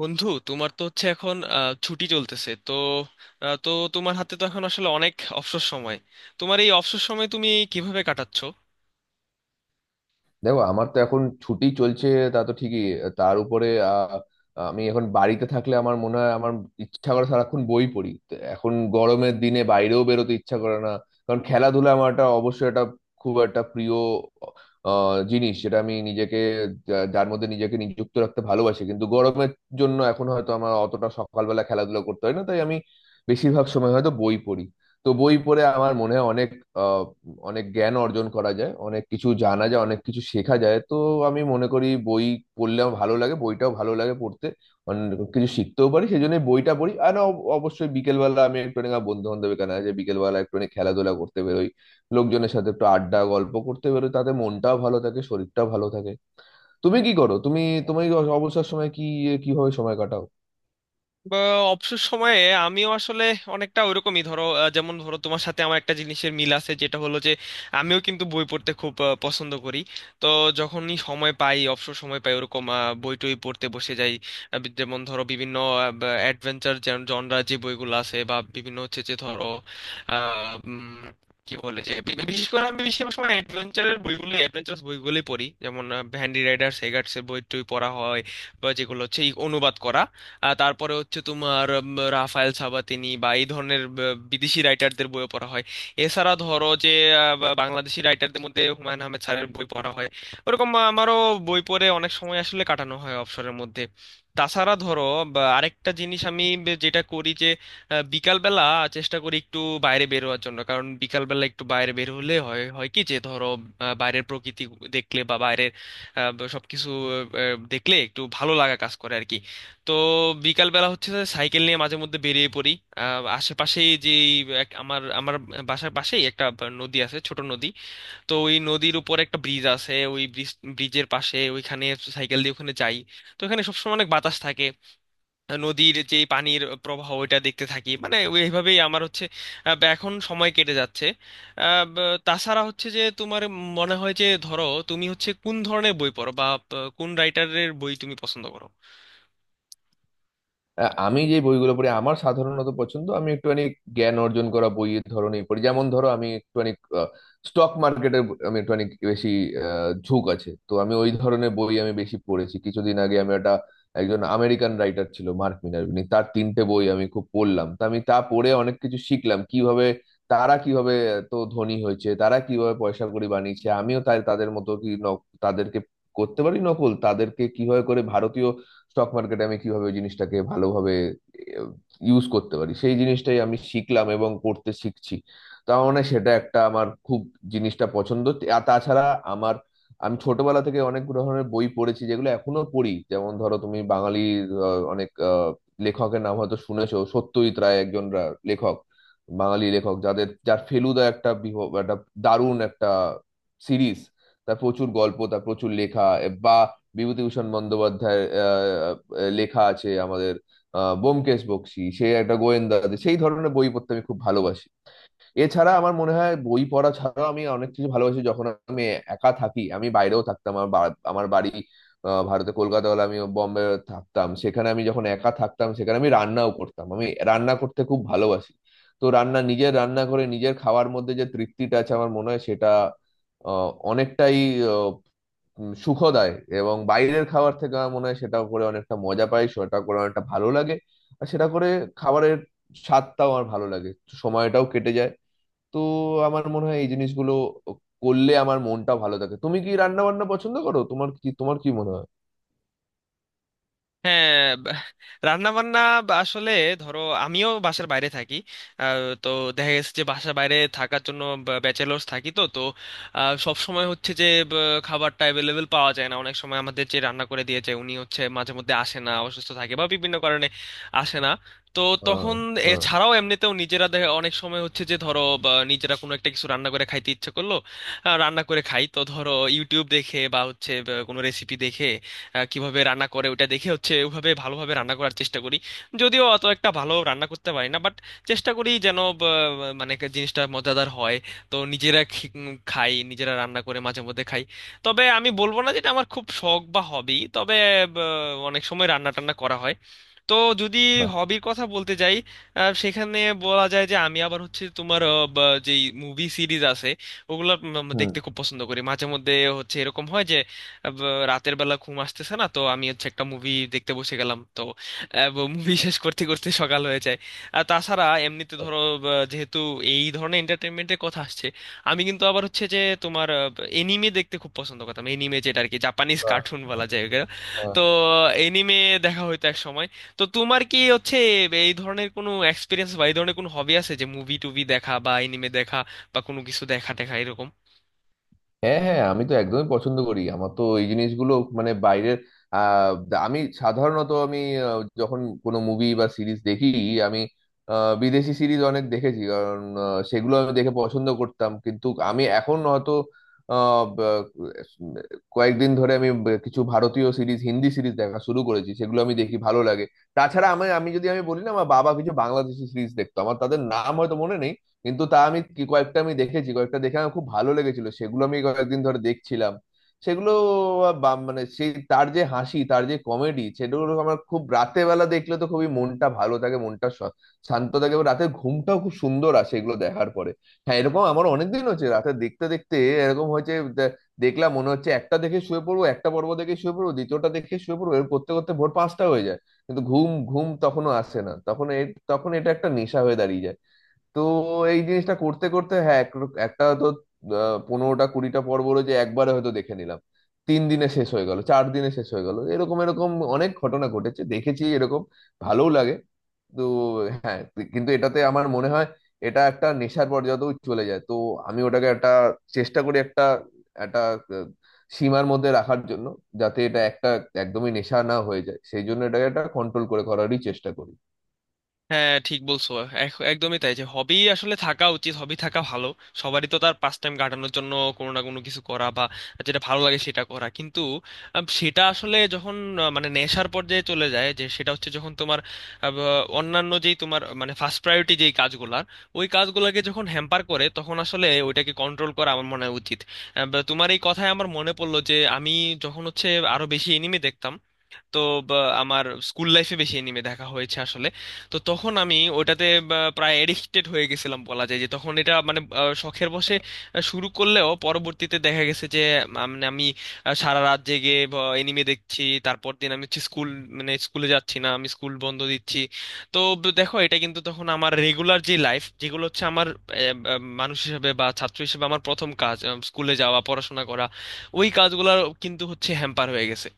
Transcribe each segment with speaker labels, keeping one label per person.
Speaker 1: বন্ধু তোমার তো হচ্ছে এখন ছুটি চলতেছে তো। তো তোমার হাতে তো এখন আসলে অনেক অবসর সময়। তোমার এই অবসর সময় তুমি কিভাবে কাটাচ্ছো?
Speaker 2: দেখো আমার তো এখন ছুটি চলছে, তা তো ঠিকই। তার উপরে আমি এখন বাড়িতে থাকলে আমার মনে হয় আমার ইচ্ছা করে সারাক্ষণ বই পড়ি। তো এখন গরমের দিনে বাইরেও বেরোতে ইচ্ছা করে না, কারণ খেলাধুলা আমার একটা অবশ্যই একটা খুব একটা প্রিয় জিনিস, যেটা আমি নিজেকে যার মধ্যে নিজেকে নিযুক্ত রাখতে ভালোবাসি, কিন্তু গরমের জন্য এখন হয়তো আমার অতটা সকালবেলা খেলাধুলা করতে হয় না, তাই আমি বেশিরভাগ সময় হয়তো বই পড়ি। তো বই পড়ে আমার মনে হয় অনেক অনেক জ্ঞান অর্জন করা যায়, অনেক কিছু জানা যায়, অনেক কিছু শেখা যায়। তো আমি মনে করি বই পড়লে আমার ভালো লাগে, বইটাও ভালো লাগে পড়তে, অনেক কিছু শিখতেও পারি, সেই জন্য বইটা পড়ি। আর না, অবশ্যই বিকেলবেলা আমি একটু বন্ধু বান্ধব এখানে আছে, বিকেলবেলা একটু খেলাধুলা করতে বেরোই, লোকজনের সাথে একটু আড্ডা গল্প করতে বেরোই, তাতে মনটাও ভালো থাকে, শরীরটাও ভালো থাকে। তুমি কি করো? তুমি তুমি অবসর সময় কি কিভাবে সময় কাটাও?
Speaker 1: বা অবসর সময়ে আমিও আসলে অনেকটা ওইরকমই ধরো, যেমন ধরো তোমার সাথে আমার একটা জিনিসের মিল আছে, যেটা হলো যে আমিও কিন্তু বই পড়তে খুব পছন্দ করি। তো যখনই সময় পাই, অবসর সময় পাই, ওরকম বই টই পড়তে বসে যাই। যেমন ধরো বিভিন্ন অ্যাডভেঞ্চার জনরা যে বইগুলো আছে, বা বিভিন্ন হচ্ছে যে ধরো আহ, উম, কি বলে যে বিশেষ করে আমি বেশিরভাগ সময় অ্যাডভেঞ্চারের বইগুলো, অ্যাডভেঞ্চারাস বইগুলোই পড়ি, যেমন হ্যান্ডি রাইডার সেগার্টসের বই টই পড়া হয়, বা যেগুলো হচ্ছে অনুবাদ করা। তারপরে হচ্ছে তোমার রাফায়েল সাবাতিনি বা এই ধরনের বিদেশি রাইটারদের বই পড়া হয়। এছাড়া ধরো যে বাংলাদেশি রাইটারদের মধ্যে হুমায়ুন আহমেদ স্যারের বই পড়া হয়। ওরকম আমারও বই পড়ে অনেক সময় আসলে কাটানো হয় অবসরের মধ্যে। তাছাড়া ধরো, বা আরেকটা জিনিস আমি যেটা করি যে বিকালবেলা চেষ্টা করি একটু বাইরে বের হওয়ার জন্য, কারণ বিকালবেলা একটু বাইরে বের হলে হয় হয় কি যে ধরো বাইরের প্রকৃতি দেখলে বা বাইরের সবকিছু দেখলে একটু ভালো লাগা কাজ করে আর কি। তো বিকাল বেলা হচ্ছে যে সাইকেল নিয়ে মাঝে মধ্যে বেরিয়ে পড়ি। আশেপাশেই যে এই আমার আমার বাসার পাশেই একটা নদী আছে, ছোট নদী। তো ওই নদীর উপর একটা ব্রিজ আছে, ওই ব্রিজ, ব্রিজের পাশে ওইখানে সাইকেল দিয়ে ওখানে যাই। তো ওখানে সবসময় অনেক বাতাস থাকে, নদীর যে পানির প্রবাহ ওইটা দেখতে থাকি, মানে এইভাবেই আমার হচ্ছে বা এখন সময় কেটে যাচ্ছে। তাছাড়া হচ্ছে যে তোমার মনে হয় যে ধরো তুমি হচ্ছে কোন ধরনের বই পড়ো, বা কোন রাইটারের বই তুমি পছন্দ করো?
Speaker 2: আমি যে বইগুলো পড়ি আমার সাধারণত পছন্দ, আমি একটুখানি জ্ঞান অর্জন করা বইয়ের ধরনই পড়ি। যেমন ধরো আমি একটুখানি স্টক মার্কেটের আমি একটুখানি বেশি ঝোঁক আছে, তো আমি ওই ধরনের বই আমি বেশি পড়েছি। কিছুদিন আগে আমি একটা একজন আমেরিকান রাইটার ছিল মার্ক মিনারভিনি, তার তিনটে বই আমি খুব পড়লাম। তা আমি পড়ে অনেক কিছু শিখলাম, কিভাবে তারা কিভাবে এত ধনী হয়েছে, তারা কিভাবে পয়সা কড়ি বানিয়েছে, আমিও তাই তাদের মতো কি তাদেরকে করতে পারি নকল, তাদেরকে কিভাবে করে ভারতীয় স্টক মার্কেটে আমি কিভাবে ওই জিনিসটাকে ভালোভাবে ইউজ করতে পারি, সেই জিনিসটাই আমি শিখলাম এবং করতে শিখছি। তার মানে সেটা একটা আমার খুব জিনিসটা পছন্দ। আর তাছাড়া আমার আমি ছোটবেলা থেকে অনেক ধরনের বই পড়েছি যেগুলো এখনো পড়ি। যেমন ধরো তুমি বাঙালি, অনেক লেখকের নাম হয়তো শুনেছো। সত্যজিৎ রায় একজন লেখক, বাঙালি লেখক, যাদের যার ফেলুদা একটা একটা দারুণ একটা সিরিজ। তার প্রচুর গল্প, তার প্রচুর লেখা। বিভূতিভূষণ বন্দ্যোপাধ্যায়ের লেখা আছে আমাদের। ব্যোমকেশ বক্সী, সে একটা গোয়েন্দা, সেই ধরনের বই পড়তে আমি খুব ভালোবাসি। এছাড়া আমার মনে হয় বই পড়া ছাড়াও আমি অনেক কিছু ভালোবাসি। যখন আমি একা থাকি আমি বাইরেও থাকতাম, আমার আমার বাড়ি ভারতে কলকাতা হলে আমি বম্বে থাকতাম। সেখানে আমি যখন একা থাকতাম, সেখানে আমি রান্নাও করতাম। আমি রান্না করতে খুব ভালোবাসি। তো রান্না নিজের রান্না করে নিজের খাওয়ার মধ্যে যে তৃপ্তিটা আছে, আমার মনে হয় সেটা অনেকটাই সুখ দেয়। এবং বাইরের খাবার থেকে আমার মনে হয় সেটা করে অনেকটা মজা পাই, সেটা করে অনেকটা ভালো লাগে, আর সেটা করে খাবারের স্বাদটাও আমার ভালো লাগে, সময়টাও কেটে যায়। তো আমার মনে হয় এই জিনিসগুলো করলে আমার মনটা ভালো থাকে। তুমি কি রান্না বান্না পছন্দ করো? তোমার কি, তোমার কি মনে হয়?
Speaker 1: হ্যাঁ, রান্না বান্না আসলে ধরো আমিও বাসার বাইরে থাকি। তো দেখা গেছে যে বাসার বাইরে থাকার জন্য, ব্যাচেলার্স থাকি, তো তো সব সময় হচ্ছে যে খাবারটা অ্যাভেলেবেল পাওয়া যায় না। অনেক সময় আমাদের যে রান্না করে দিয়েছে, উনি হচ্ছে মাঝে মধ্যে আসে না, অসুস্থ থাকে বা বিভিন্ন কারণে আসে না। তো
Speaker 2: হ্যাঁ,
Speaker 1: তখন
Speaker 2: হ্যাঁ,
Speaker 1: এছাড়াও এমনিতেও নিজেরা দেখা অনেক সময় হচ্ছে যে ধরো বা নিজেরা কোনো একটা কিছু রান্না করে খাইতে ইচ্ছে করলো, রান্না করে খাই। তো ধরো ইউটিউব দেখে বা হচ্ছে বা কোনো রেসিপি দেখে কিভাবে রান্না করে ওটা দেখে হচ্ছে ওইভাবে ভালোভাবে রান্না করার চেষ্টা করি। যদিও অত একটা ভালো রান্না করতে পারি না, বাট চেষ্টা করি যেন মানে একটা জিনিসটা মজাদার হয়। তো নিজেরা খাই, নিজেরা রান্না করে মাঝে মধ্যে খাই। তবে আমি বলবো না যেটা আমার খুব শখ বা হবি, তবে ব, অনেক সময় রান্না টান্না করা হয়। তো যদি
Speaker 2: বাহ।
Speaker 1: হবির কথা বলতে যাই, সেখানে বলা যায় যে আমি আবার হচ্ছে তোমার বা যেই মুভি সিরিজ আছে ওগুলো উম, উম,
Speaker 2: হুম,
Speaker 1: দেখতে খুব পছন্দ করি। মাঝে মধ্যে হচ্ছে এরকম হয় যে রাতের বেলা ঘুম আসতেছে না, তো আমি হচ্ছে একটা মুভি দেখতে বসে গেলাম। তো মুভি শেষ করতে করতে সকাল হয়ে যায়। আর তাছাড়া এমনিতে
Speaker 2: বাহ,
Speaker 1: ধরো, যেহেতু এই ধরনের এন্টারটেনমেন্টের কথা আসছে, আমি কিন্তু আবার হচ্ছে যে তোমার এনিমে দেখতে খুব পছন্দ করতাম। এনিমে যেটা আর কি জাপানিজ
Speaker 2: বাহ,
Speaker 1: কার্টুন
Speaker 2: বাহ,
Speaker 1: বলা যায় ওগুলো।
Speaker 2: হ্যাঁ,
Speaker 1: তো এনিমে দেখা হইতো এক সময়। তো তোমার কি হচ্ছে এই ধরনের কোনো এক্সপিরিয়েন্স বা এই ধরনের কোনো হবি আছে, যে মুভি টুভি দেখা বা এনিমে দেখা বা কোনো কিছু দেখা টেখা এরকম?
Speaker 2: হ্যাঁ, হ্যাঁ, আমি তো একদমই পছন্দ করি। আমার তো এই জিনিসগুলো মানে বাইরের আমি সাধারণত আমি যখন কোনো মুভি বা সিরিজ দেখি, আমি বিদেশি সিরিজ অনেক দেখেছি, কারণ সেগুলো আমি দেখে পছন্দ করতাম। কিন্তু আমি এখন হয়তো আহ, ব- কয়েকদিন ধরে আমি কিছু ভারতীয় সিরিজ, হিন্দি সিরিজ দেখা শুরু করেছি, সেগুলো আমি দেখি, ভালো লাগে। তাছাড়া আমি আমি যদি আমি বলি না, আমার বাবা কিছু বাংলাদেশি সিরিজ দেখতো, আমার তাদের নাম হয়তো মনে নেই, কিন্তু তা আমি কি কয়েকটা আমি দেখেছি, কয়েকটা দেখে আমার খুব ভালো লেগেছিল, সেগুলো আমি কয়েকদিন ধরে দেখছিলাম। সেগুলো মানে সেই তার যে হাসি, তার যে কমেডি, সেগুলো আমার খুব রাতে বেলা দেখলে তো খুবই মনটা ভালো থাকে, মনটা শান্ত থাকে, এবং রাতের ঘুমটাও খুব সুন্দর আসে এগুলো দেখার পরে। হ্যাঁ, এরকম আমার অনেকদিন হচ্ছে রাতে দেখতে দেখতে এরকম হয়েছে দেখলাম, মনে হচ্ছে একটা দেখে শুয়ে পড়বো, একটা পর্ব দেখে শুয়ে পড়বো, দ্বিতীয়টা দেখে শুয়ে পড়বো, এরকম করতে করতে ভোর 5টা হয়ে যায়, কিন্তু ঘুম ঘুম তখনও আসে না। তখন তখন এটা একটা নেশা হয়ে দাঁড়িয়ে যায়। তো এই জিনিসটা করতে করতে হ্যাঁ এক একটা তো 15টা 20টা পর্ব রয়েছে, একবারে হয়তো দেখে নিলাম, 3 দিনে শেষ হয়ে গেল, 4 দিনে শেষ হয়ে গেল, এরকম এরকম অনেক ঘটনা ঘটেছে, দেখেছি এরকম, ভালোও লাগে। তো হ্যাঁ, কিন্তু এটাতে আমার মনে হয় এটা একটা নেশার পর্যায়েও চলে যায়। তো আমি ওটাকে একটা চেষ্টা করি একটা একটা আহ, সীমার মধ্যে রাখার জন্য, যাতে এটা একটা একদমই নেশা না হয়ে যায়, সেই জন্য এটাকে একটা কন্ট্রোল করে করারই চেষ্টা করি।
Speaker 1: হ্যাঁ, ঠিক বলছো। একদমই তাই, যে হবি আসলে থাকা উচিত, হবি থাকা ভালো সবারই, তো তার পাস টাইম কাটানোর জন্য কোনো না কোনো কিছু করা বা যেটা ভালো লাগে সেটা করা। কিন্তু সেটা আসলে যখন মানে নেশার পর্যায়ে চলে যায়, যে সেটা হচ্ছে যখন তোমার অন্যান্য যেই তোমার মানে ফার্স্ট প্রায়োরিটি যেই কাজগুলার, ওই কাজগুলোকে যখন হ্যাম্পার করে, তখন আসলে ওইটাকে কন্ট্রোল করা আমার মনে হয় উচিত। বা তোমার এই কথায় আমার মনে পড়লো যে আমি যখন হচ্ছে আরো বেশি এনিমে দেখতাম। তো বা, আমার স্কুল লাইফে বেশি এনিমে দেখা হয়েছে আসলে। তো তখন আমি ওটাতে প্রায় এডিক্টেড হয়ে গেছিলাম বলা যায়, যে তখন এটা মানে শখের বশে শুরু করলেও পরবর্তীতে দেখা গেছে যে মানে আমি সারা রাত জেগে এনিমে দেখছি, তারপর দিন আমি হচ্ছে স্কুল মানে স্কুলে যাচ্ছি না, আমি স্কুল বন্ধ দিচ্ছি। তো দেখো এটা কিন্তু তখন আমার রেগুলার যে লাইফ, যেগুলো হচ্ছে আমার আহ, আহ, মানুষ হিসেবে বা ছাত্র হিসেবে আমার প্রথম কাজ স্কুলে যাওয়া, পড়াশোনা করা, ওই কাজগুলো কিন্তু হচ্ছে হ্যাম্পার হয়ে গেছে।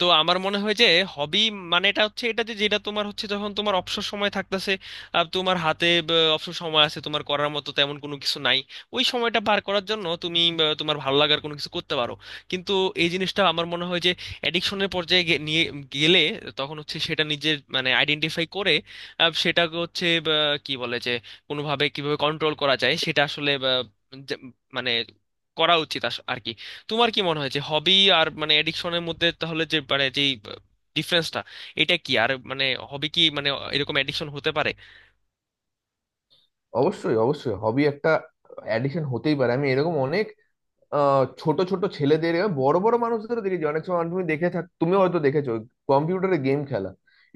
Speaker 1: তো আমার মনে হয় যে হবি মানে এটা হচ্ছে এটা যে যেটা তোমার হচ্ছে যখন তোমার অবসর সময় থাকতেছে, আর তোমার হাতে অবসর সময় আছে, তোমার করার মতো তেমন কোনো কিছু নাই, ওই সময়টা পার করার জন্য তুমি তোমার ভালো লাগার কোনো কিছু করতে পারো। কিন্তু এই জিনিসটা আমার মনে হয় যে অ্যাডিকশনের পর্যায়ে নিয়ে গেলে তখন হচ্ছে সেটা নিজের মানে আইডেন্টিফাই করে সেটাকে হচ্ছে কি বলে যে কোনোভাবে কিভাবে কন্ট্রোল করা যায় সেটা আসলে যে- মানে করা উচিত আর কি। তোমার কি মনে হয় যে হবি আর মানে এডিকশনের মধ্যে তাহলে যে মানে যেই ডিফারেন্সটা, এটা কি আর মানে হবি কি মানে এরকম এডিকশন হতে পারে?
Speaker 2: অবশ্যই, অবশ্যই হবি একটা অ্যাডিকশন হতেই পারে। আমি এরকম অনেক ছোট ছোট ছেলেদের, বড় বড় মানুষদেরও দেখেছি। অনেক সময় তুমি দেখে থাক, তুমিও হয়তো দেখেছো কম্পিউটারে গেম খেলা,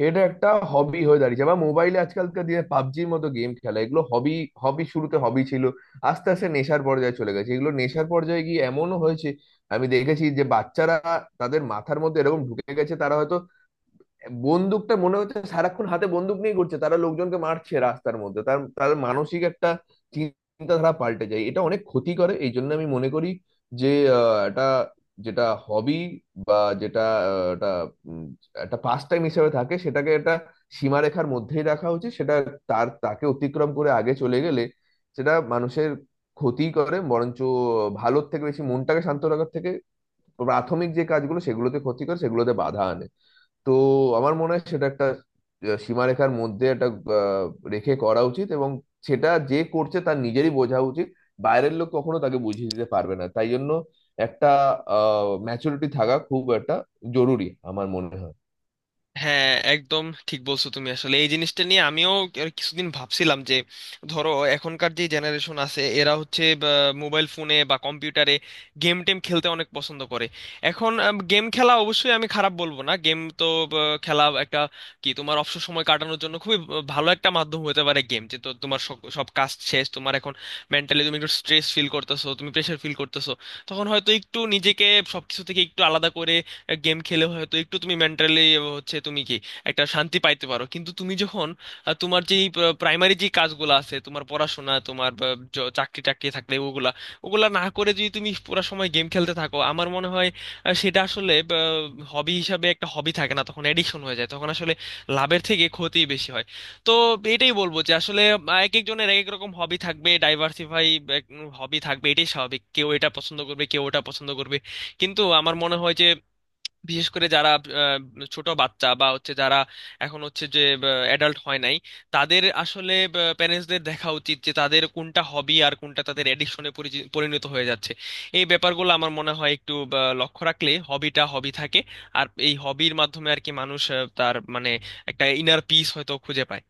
Speaker 2: এটা একটা হবি হয়ে দাঁড়িয়েছে, বা মোবাইলে আজকালকার দিনে পাবজির মতো গেম খেলা, এগুলো হবি হবি শুরুতে হবি ছিল, আস্তে আস্তে নেশার পর্যায়ে চলে গেছে। এগুলো নেশার পর্যায়ে গিয়ে এমনও হয়েছে, আমি দেখেছি যে বাচ্চারা তাদের মাথার মধ্যে এরকম ঢুকে গেছে, তারা হয়তো বন্দুকটা মনে হচ্ছে সারাক্ষণ হাতে বন্দুক নিয়ে ঘুরছে, তারা লোকজনকে মারছে রাস্তার মধ্যে, তার তার মানসিক একটা চিন্তাধারা পাল্টে যায়, এটা অনেক ক্ষতি করে। এই জন্য আমি মনে করি যে এটা যেটা হবি বা যেটা এটা উম, একটা পাস্ট টাইম হিসেবে থাকে, সেটাকে একটা সীমারেখার মধ্যেই রাখা উচিত। সেটা তার তাকে অতিক্রম করে আগে চলে গেলে সেটা মানুষের ক্ষতি করে, বরঞ্চ ভালোর থেকে বেশি মনটাকে শান্ত রাখার থেকে প্রাথমিক যে কাজগুলো সেগুলোতে ক্ষতি করে, সেগুলোতে বাধা আনে। তো আমার মনে হয় সেটা একটা সীমারেখার মধ্যে একটা আহ, রেখে করা উচিত, এবং সেটা যে করছে তার নিজেরই বোঝা উচিত, বাইরের লোক কখনো তাকে বুঝিয়ে দিতে পারবে না। তাই জন্য একটা ম্যাচুরিটি থাকা খুব একটা জরুরি আমার মনে হয়।
Speaker 1: হ্যাঁ, একদম ঠিক বলছো তুমি। আসলে এই জিনিসটা নিয়ে আমিও আর কিছুদিন ভাবছিলাম যে ধরো এখনকার যে জেনারেশন আছে এরা হচ্ছে মোবাইল ফোনে বা কম্পিউটারে গেম টেম খেলতে অনেক পছন্দ করে। এখন গেম খেলা অবশ্যই আমি খারাপ বলবো না, গেম তো খেলা একটা কি তোমার অবসর সময় কাটানোর জন্য খুবই ভালো একটা মাধ্যম হতে পারে গেম। যে তো তোমার সব সব কাজ শেষ, তোমার এখন মেন্টালি তুমি একটু স্ট্রেস ফিল করতেছো, তুমি প্রেশার ফিল করতেছো, তখন হয়তো একটু নিজেকে সবকিছু থেকে একটু আলাদা করে গেম খেলে হয়তো একটু তুমি মেন্টালি হচ্ছে তুমি কি একটা শান্তি পাইতে পারো। কিন্তু তুমি যখন তোমার যেই প্রাইমারি যে কাজগুলো আছে, তোমার পড়াশোনা, তোমার চাকরি টাকরি থাকলে ওগুলা ওগুলা না করে যদি তুমি পুরো সময় গেম খেলতে থাকো, আমার মনে হয় সেটা আসলে হবি হিসাবে একটা হবি থাকে না, তখন এডিকশন হয়ে যায়, তখন আসলে লাভের থেকে ক্ষতি বেশি হয়। তো এটাই বলবো যে আসলে এক একজনের এক এক রকম হবি থাকবে, ডাইভার্সিফাই হবি থাকবে, এটাই স্বাভাবিক। কেউ এটা পছন্দ করবে, কেউ ওটা পছন্দ করবে। কিন্তু আমার মনে হয় যে বিশেষ করে যারা আহ, ছোট বাচ্চা বা হচ্ছে যারা এখন হচ্ছে যে অ্যাডাল্ট হয় নাই, তাদের আসলে প্যারেন্টসদের দেখা উচিত যে তাদের কোনটা হবি আর কোনটা তাদের অ্যাডিকশনে পরিণত হয়ে যাচ্ছে। এই ব্যাপারগুলো আমার মনে হয় একটু লক্ষ্য রাখলে হবিটা হবি থাকে। আর এই হবির মাধ্যমে আর কি মানুষ তার মানে একটা ইনার পিস হয়তো খুঁজে পায়।